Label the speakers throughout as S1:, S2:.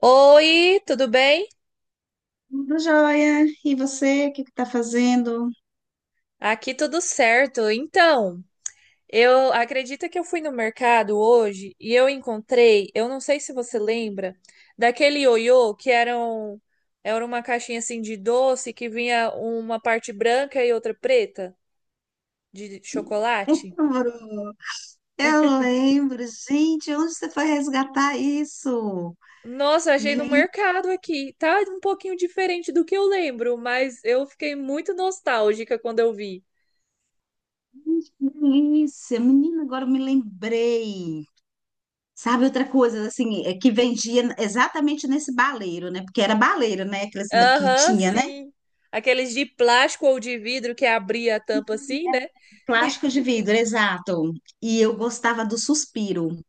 S1: Oi, tudo bem?
S2: Tudo jóia. E você, o que tá fazendo?
S1: Aqui tudo certo. Então, eu acredito que eu fui no mercado hoje e eu encontrei, eu não sei se você lembra, daquele ioiô que era, era uma caixinha assim de doce que vinha uma parte branca e outra preta de chocolate.
S2: Lembro. Eu lembro, gente, onde você foi resgatar isso?
S1: Nossa, achei no
S2: Gente,
S1: mercado aqui. Tá um pouquinho diferente do que eu lembro, mas eu fiquei muito nostálgica quando eu vi.
S2: que delícia. Menina, agora eu me lembrei. Sabe outra coisa, assim, é que vendia exatamente nesse baleiro, né? Porque era baleiro, né? Aqueles que
S1: Aham,
S2: tinha, né?
S1: sim. Aqueles de plástico ou de vidro que abria a tampa assim, né?
S2: Plástico de vidro, exato. E eu gostava do suspiro.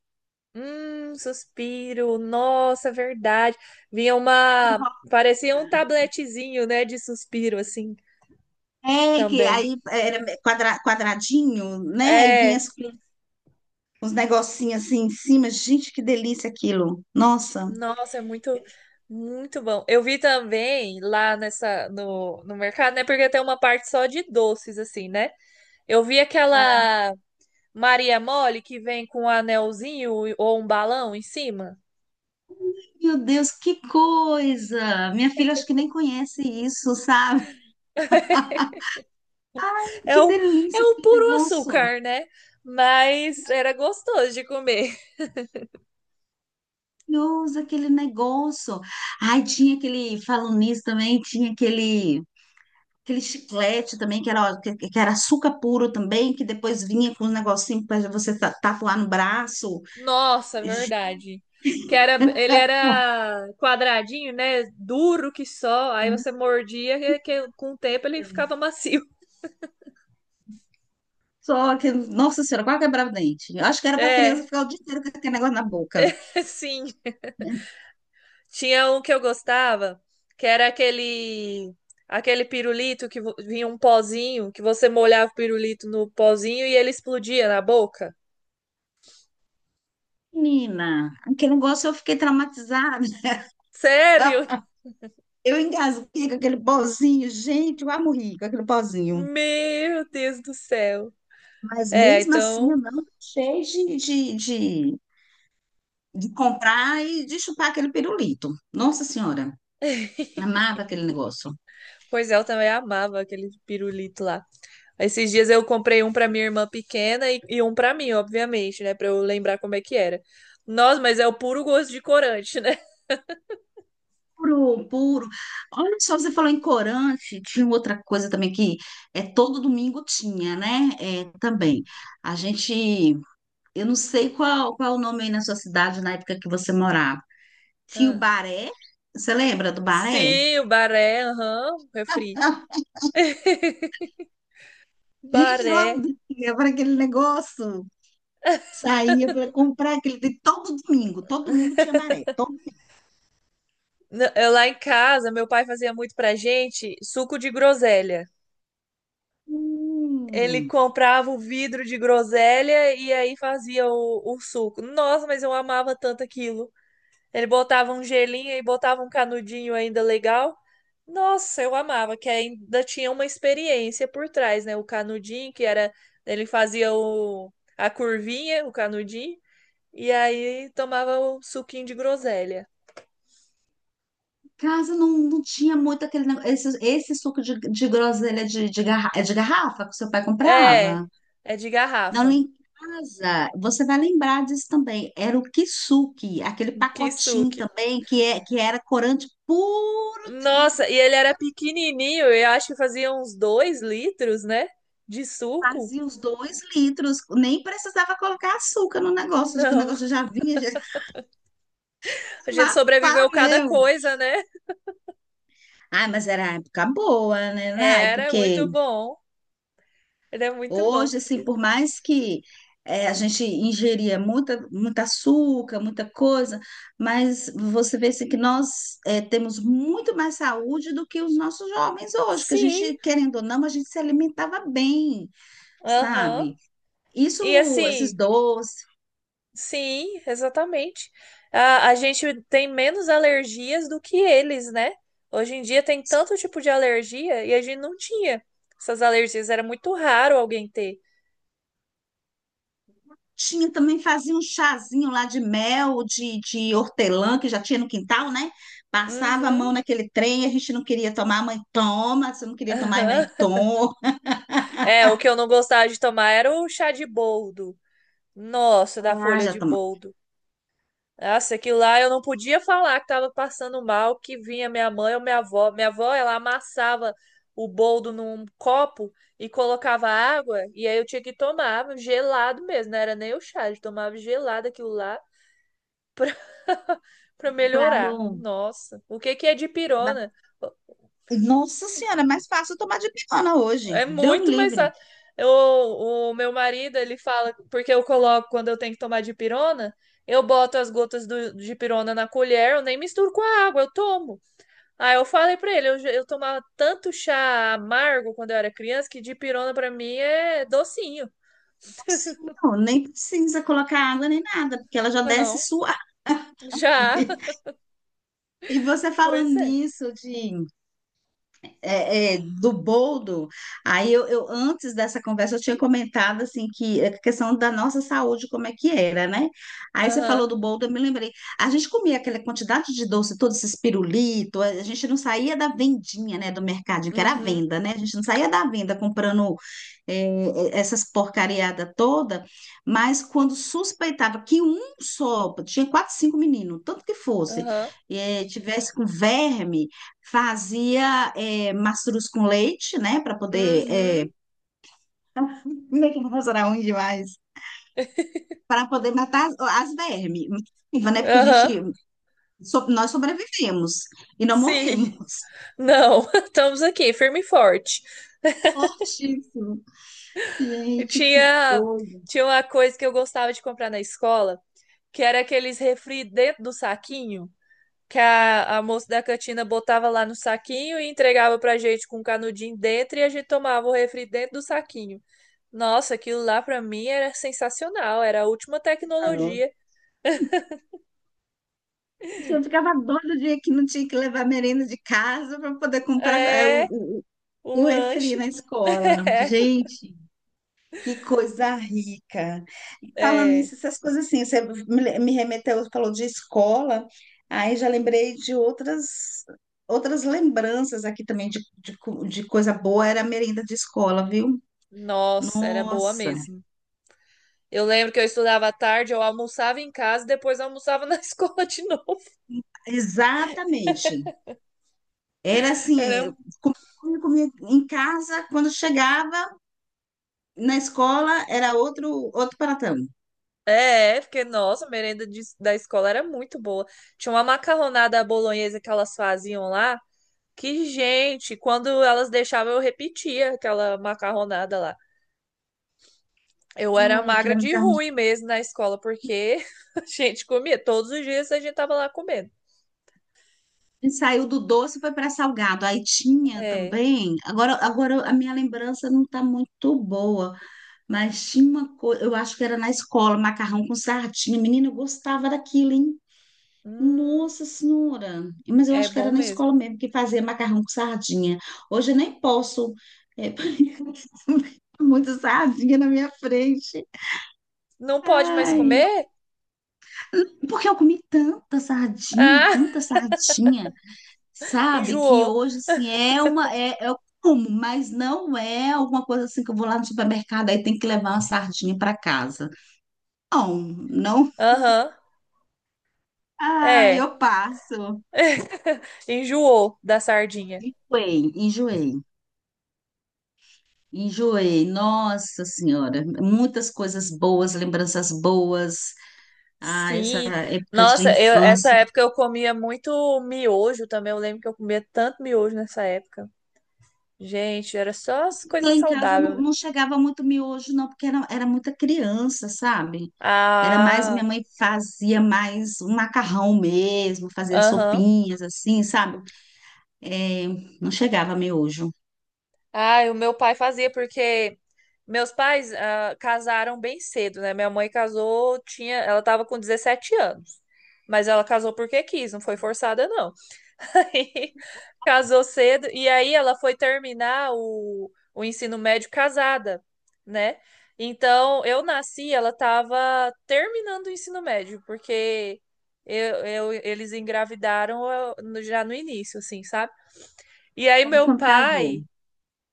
S1: Suspiro. Nossa, é verdade. Vinha uma. Parecia um tabletezinho, né? De suspiro, assim,
S2: É, que
S1: também.
S2: aí era quadradinho, né? E vinha
S1: É.
S2: as uns negocinhos assim em cima. Gente, que delícia aquilo. Nossa.
S1: Nossa, é muito, muito bom. Eu vi também lá nessa, no mercado, né? Porque tem uma parte só de doces, assim, né? Eu vi aquela Maria Mole que vem com um anelzinho ou um balão em cima.
S2: Meu Deus, que coisa! Minha filha acho que nem conhece isso, sabe?
S1: É
S2: Que
S1: o, é
S2: delícia
S1: o
S2: aquele
S1: puro
S2: negócio.
S1: açúcar, né? Mas era gostoso de comer.
S2: Maravilhoso aquele negócio. Ai, tinha aquele, falando nisso também, tinha aquele chiclete também que era açúcar puro também, que depois vinha com um negocinho para você tatuar no braço.
S1: Nossa, verdade. Que era, ele era quadradinho, né? Duro que só. Aí você mordia que com o tempo ele ficava macio.
S2: Só que, nossa senhora, quase quebrava o dente. Eu acho que era para criança
S1: É,
S2: ficar o dia inteiro com aquele negócio na boca.
S1: sim. Tinha um que eu gostava, que era aquele pirulito que vinha um pozinho, que você molhava o pirulito no pozinho e ele explodia na boca.
S2: Menina, aquele negócio eu fiquei traumatizada.
S1: Sério?
S2: Eu engasguei com aquele pozinho, gente, eu quase morri com aquele pozinho.
S1: Meu Deus do céu.
S2: Mas
S1: É,
S2: mesmo assim, eu
S1: então,
S2: não deixei de, de comprar e de chupar aquele pirulito. Nossa senhora, amava aquele negócio.
S1: pois é, eu também amava aquele pirulito lá. Esses dias eu comprei um pra minha irmã pequena e um pra mim, obviamente, né, pra eu lembrar como é que era. Nossa, mas é o puro gosto de corante, né?
S2: Puro, puro. Olha só, você falou em corante, tinha outra coisa também que é, todo domingo tinha, né? É, também.
S1: Hum.
S2: A gente. Eu não sei qual, qual o nome aí na sua cidade na época que você morava. Tinha o
S1: Ah.
S2: Baré? Você lembra do Baré?
S1: Sim, o baré, aham, refri.
S2: Gente, eu
S1: Baré.
S2: ia para aquele negócio. Saía para comprar aquele. Todo domingo tinha Baré. Todo...
S1: Eu lá em casa, meu pai fazia muito pra gente suco de groselha. Ele
S2: Hum,
S1: comprava o vidro de groselha e aí fazia o suco. Nossa, mas eu amava tanto aquilo. Ele botava um gelinho e botava um canudinho ainda legal. Nossa, eu amava, que ainda tinha uma experiência por trás, né? O canudinho, que era. Ele fazia a curvinha, o canudinho, e aí tomava o suquinho de groselha.
S2: casa não, não tinha muito aquele negócio. Esse suco de groselha de garra... é de garrafa que seu pai
S1: É,
S2: comprava.
S1: é de
S2: Não, lá
S1: garrafa.
S2: em casa, você vai lembrar disso também. Era o kisuke, aquele
S1: Que
S2: pacotinho
S1: suco.
S2: também que, é, que era corante puro.
S1: Nossa, e ele era pequenininho, eu acho que fazia uns dois litros, né? De suco.
S2: Fazia os 2 litros, nem precisava colocar açúcar no negócio, de que o
S1: Não,
S2: negócio já vinha, já ia
S1: a gente
S2: mafar
S1: sobreviveu cada
S2: mesmo.
S1: coisa, né?
S2: Ai, mas era a época boa, né, Nai?
S1: Era
S2: Porque
S1: muito bom. Ele é muito bom.
S2: hoje, assim, por mais que a gente ingeria muita, muito açúcar, muita coisa, mas você vê assim, que nós temos muito mais saúde do que os nossos jovens hoje, que a
S1: Sim,
S2: gente, querendo ou não, a gente se alimentava bem,
S1: aham.
S2: sabe?
S1: E
S2: Isso, esses
S1: assim,
S2: doces.
S1: sim, exatamente. A gente tem menos alergias do que eles, né? Hoje em dia tem tanto tipo de alergia e a gente não tinha essas alergias. Era muito raro alguém ter.
S2: Tinha também, fazia um chazinho lá de mel, de hortelã, que já tinha no quintal, né? Passava a
S1: Uhum.
S2: mão naquele trem, a gente não queria tomar, mãe toma, se não queria tomar,
S1: Aham.
S2: mãe toma.
S1: É, o que eu não gostava de tomar era o chá de boldo. Nossa, da
S2: Ah,
S1: folha
S2: já
S1: de
S2: toma.
S1: boldo. Nossa, aquilo lá eu não podia falar que tava passando mal, que vinha minha mãe ou minha avó. Minha avó, ela amassava o boldo num copo e colocava água, e aí eu tinha que tomar gelado mesmo, não era nem o chá, eu tomava gelado aquilo lá pra, pra
S2: Pra
S1: melhorar.
S2: não.
S1: Nossa, o que que é
S2: ba-
S1: dipirona?
S2: Nossa Senhora, é mais fácil tomar de pirona hoje.
S1: É
S2: Deus me
S1: muito mais
S2: livre.
S1: fácil. Eu, o meu marido, ele fala, porque eu coloco quando eu tenho que tomar dipirona, eu boto as gotas de pirona na colher, eu nem misturo com a água, eu tomo. Ah, eu falei pra ele, eu tomava tanto chá amargo quando eu era criança que dipirona pra mim é docinho.
S2: Sim, não, nem precisa colocar água nem nada, porque ela já desce
S1: Não,
S2: suave.
S1: já.
S2: E você falando
S1: Pois é.
S2: nisso de do boldo, aí eu, antes dessa conversa, eu tinha comentado, assim, que a questão da nossa saúde, como é que era, né? Aí você
S1: Aham.
S2: falou do boldo, eu me lembrei. A gente comia aquela quantidade de doce, todos esses pirulitos, a gente não saía da vendinha, né, do mercadinho, que era a
S1: Uhum.
S2: venda, né? A gente não saía da venda comprando essas porcariadas toda, mas quando suspeitava que um só, tinha quatro, cinco meninos, tanto que fosse,
S1: Aham.
S2: tivesse com verme. Fazia é, mastruz com leite, né? Para poder. É...
S1: Uhum.
S2: Leite não era ruim demais. Para poder matar as, as vermes. Né? Porque a gente.
S1: Aham.
S2: Nós sobrevivemos e não
S1: Sim.
S2: morremos.
S1: Não, estamos aqui, firme e forte.
S2: Fortíssimo.
S1: Eu
S2: Gente, que
S1: tinha,
S2: coisa.
S1: tinha uma coisa que eu gostava de comprar na escola, que era aqueles refri dentro do saquinho, que a moça da cantina botava lá no saquinho e entregava pra gente com um canudinho dentro e a gente tomava o refri dentro do saquinho. Nossa, aquilo lá pra mim era sensacional, era a última
S2: Carol.
S1: tecnologia.
S2: Eu ficava doida o dia que não tinha que levar merenda de casa para poder comprar
S1: É,
S2: o
S1: um
S2: refri
S1: lanche.
S2: na escola. Gente. Que coisa rica. E falando
S1: É, é.
S2: nisso, essas coisas assim, você me remeteu, falou de escola, aí já lembrei de outras outras lembranças aqui também de coisa boa, era a merenda de escola, viu?
S1: Nossa, era boa
S2: Nossa,
S1: mesmo. Eu lembro que eu estudava à tarde, eu almoçava em casa e depois almoçava na escola de novo.
S2: exatamente. Era assim, eu
S1: Era
S2: comia em casa, quando chegava na escola, era outro pratão.
S1: é, porque, nossa, a merenda da escola era muito boa. Tinha uma macarronada à bolonhesa que elas faziam lá, que gente, quando elas deixavam, eu repetia aquela macarronada lá. Eu era
S2: Ai,
S1: magra
S2: aquilo me.
S1: de ruim mesmo na escola, porque a gente comia. Todos os dias a gente tava lá comendo.
S2: E saiu do doce foi para salgado. Aí tinha
S1: É.
S2: também. Agora a minha lembrança não está muito boa, mas tinha uma coisa. Eu acho que era na escola, macarrão com sardinha. Menina, eu gostava daquilo, hein?
S1: Hum,
S2: Nossa Senhora! Mas eu
S1: é
S2: acho que era
S1: bom
S2: na
S1: mesmo.
S2: escola mesmo que fazia macarrão com sardinha. Hoje eu nem posso. É, muita sardinha na minha frente.
S1: Não pode mais
S2: Ai,
S1: comer?
S2: porque eu comi tanta sardinha,
S1: Ah,
S2: tanta sardinha. Sabe? Que
S1: enjoou.
S2: hoje, assim, é como, mas não é alguma coisa assim que eu vou lá no supermercado aí tem que levar uma sardinha para casa. Não, não.
S1: Aham,
S2: Ah,
S1: é.
S2: eu passo.
S1: Enjoou da sardinha.
S2: Enjoei, enjoei. Enjoei, nossa senhora, muitas coisas boas, lembranças boas. Ah, essa
S1: Sim.
S2: época de
S1: Nossa, eu, essa
S2: infância.
S1: época eu comia muito miojo também. Eu lembro que eu comia tanto miojo nessa época. Gente, era só as
S2: Lá
S1: coisas
S2: em casa não,
S1: saudáveis.
S2: não chegava muito miojo, não, porque era muita criança, sabe? Era mais,
S1: Ah,
S2: minha mãe fazia mais um macarrão mesmo, fazia
S1: aham.
S2: sopinhas assim, sabe? É, não chegava miojo.
S1: Ah, e o meu pai fazia porque meus pais casaram bem cedo, né? Minha mãe casou, tinha, ela tava com 17 anos. Mas ela casou porque quis, não foi forçada, não. Aí, casou cedo e aí ela foi terminar o ensino médio casada, né? Então, eu nasci, ela tava terminando o ensino médio, porque eles engravidaram já no início, assim, sabe? E aí
S2: Logo
S1: meu
S2: quando casou.
S1: pai.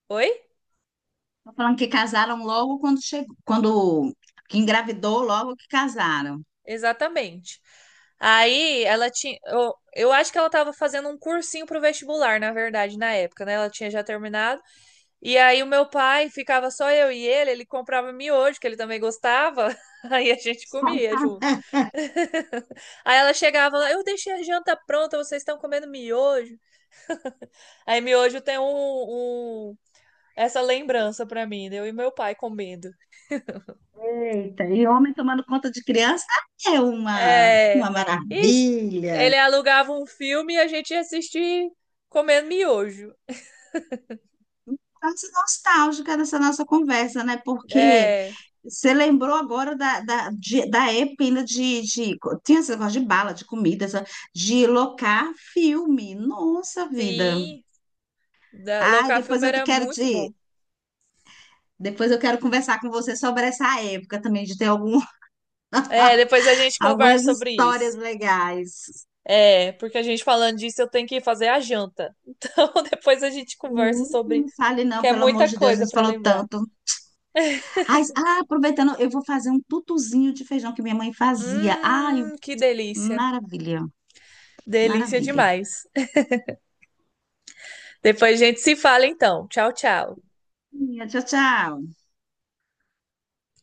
S1: Oi?
S2: Tô falando que casaram logo quando chegou, quando que engravidou, logo que casaram.
S1: Exatamente. Aí ela tinha. Eu acho que ela estava fazendo um cursinho pro vestibular, na verdade, na época, né? Ela tinha já terminado. E aí o meu pai ficava só eu e ele comprava miojo, que ele também gostava. Aí a gente comia junto. Aí ela chegava lá, eu deixei a janta pronta, vocês estão comendo miojo. Aí miojo tem um- essa lembrança pra mim, né? Eu e meu pai comendo.
S2: Eita, e homem tomando conta de criança é
S1: É.
S2: uma
S1: Ixi,
S2: maravilha.
S1: ele alugava um filme e a gente ia assistir comendo miojo.
S2: Estamos nostálgica dessa nossa conversa, né? Porque
S1: É.
S2: você lembrou agora da época ainda de, de. Tinha esse negócio de bala, de comida, essa- de locar filme. Nossa vida.
S1: Sim. Da,
S2: Ai,
S1: locar
S2: depois
S1: filme
S2: eu
S1: era
S2: quero
S1: muito
S2: te.
S1: bom.
S2: Depois eu quero conversar com você sobre essa época também, de ter algum,
S1: É, depois a gente conversa
S2: algumas
S1: sobre
S2: histórias
S1: isso.
S2: legais.
S1: É, porque a gente falando disso, eu tenho que fazer a janta. Então depois a gente conversa sobre,
S2: Não fale não,
S1: que é
S2: pelo amor
S1: muita
S2: de Deus, a
S1: coisa
S2: gente
S1: para
S2: falou
S1: lembrar.
S2: tanto. Ai, ah, aproveitando, eu vou fazer um tutuzinho de feijão que minha mãe fazia. Ai,
S1: Que delícia.
S2: maravilha,
S1: Delícia
S2: maravilha.
S1: demais. Depois a gente se fala então. Tchau, tchau.
S2: Tchau, tchau.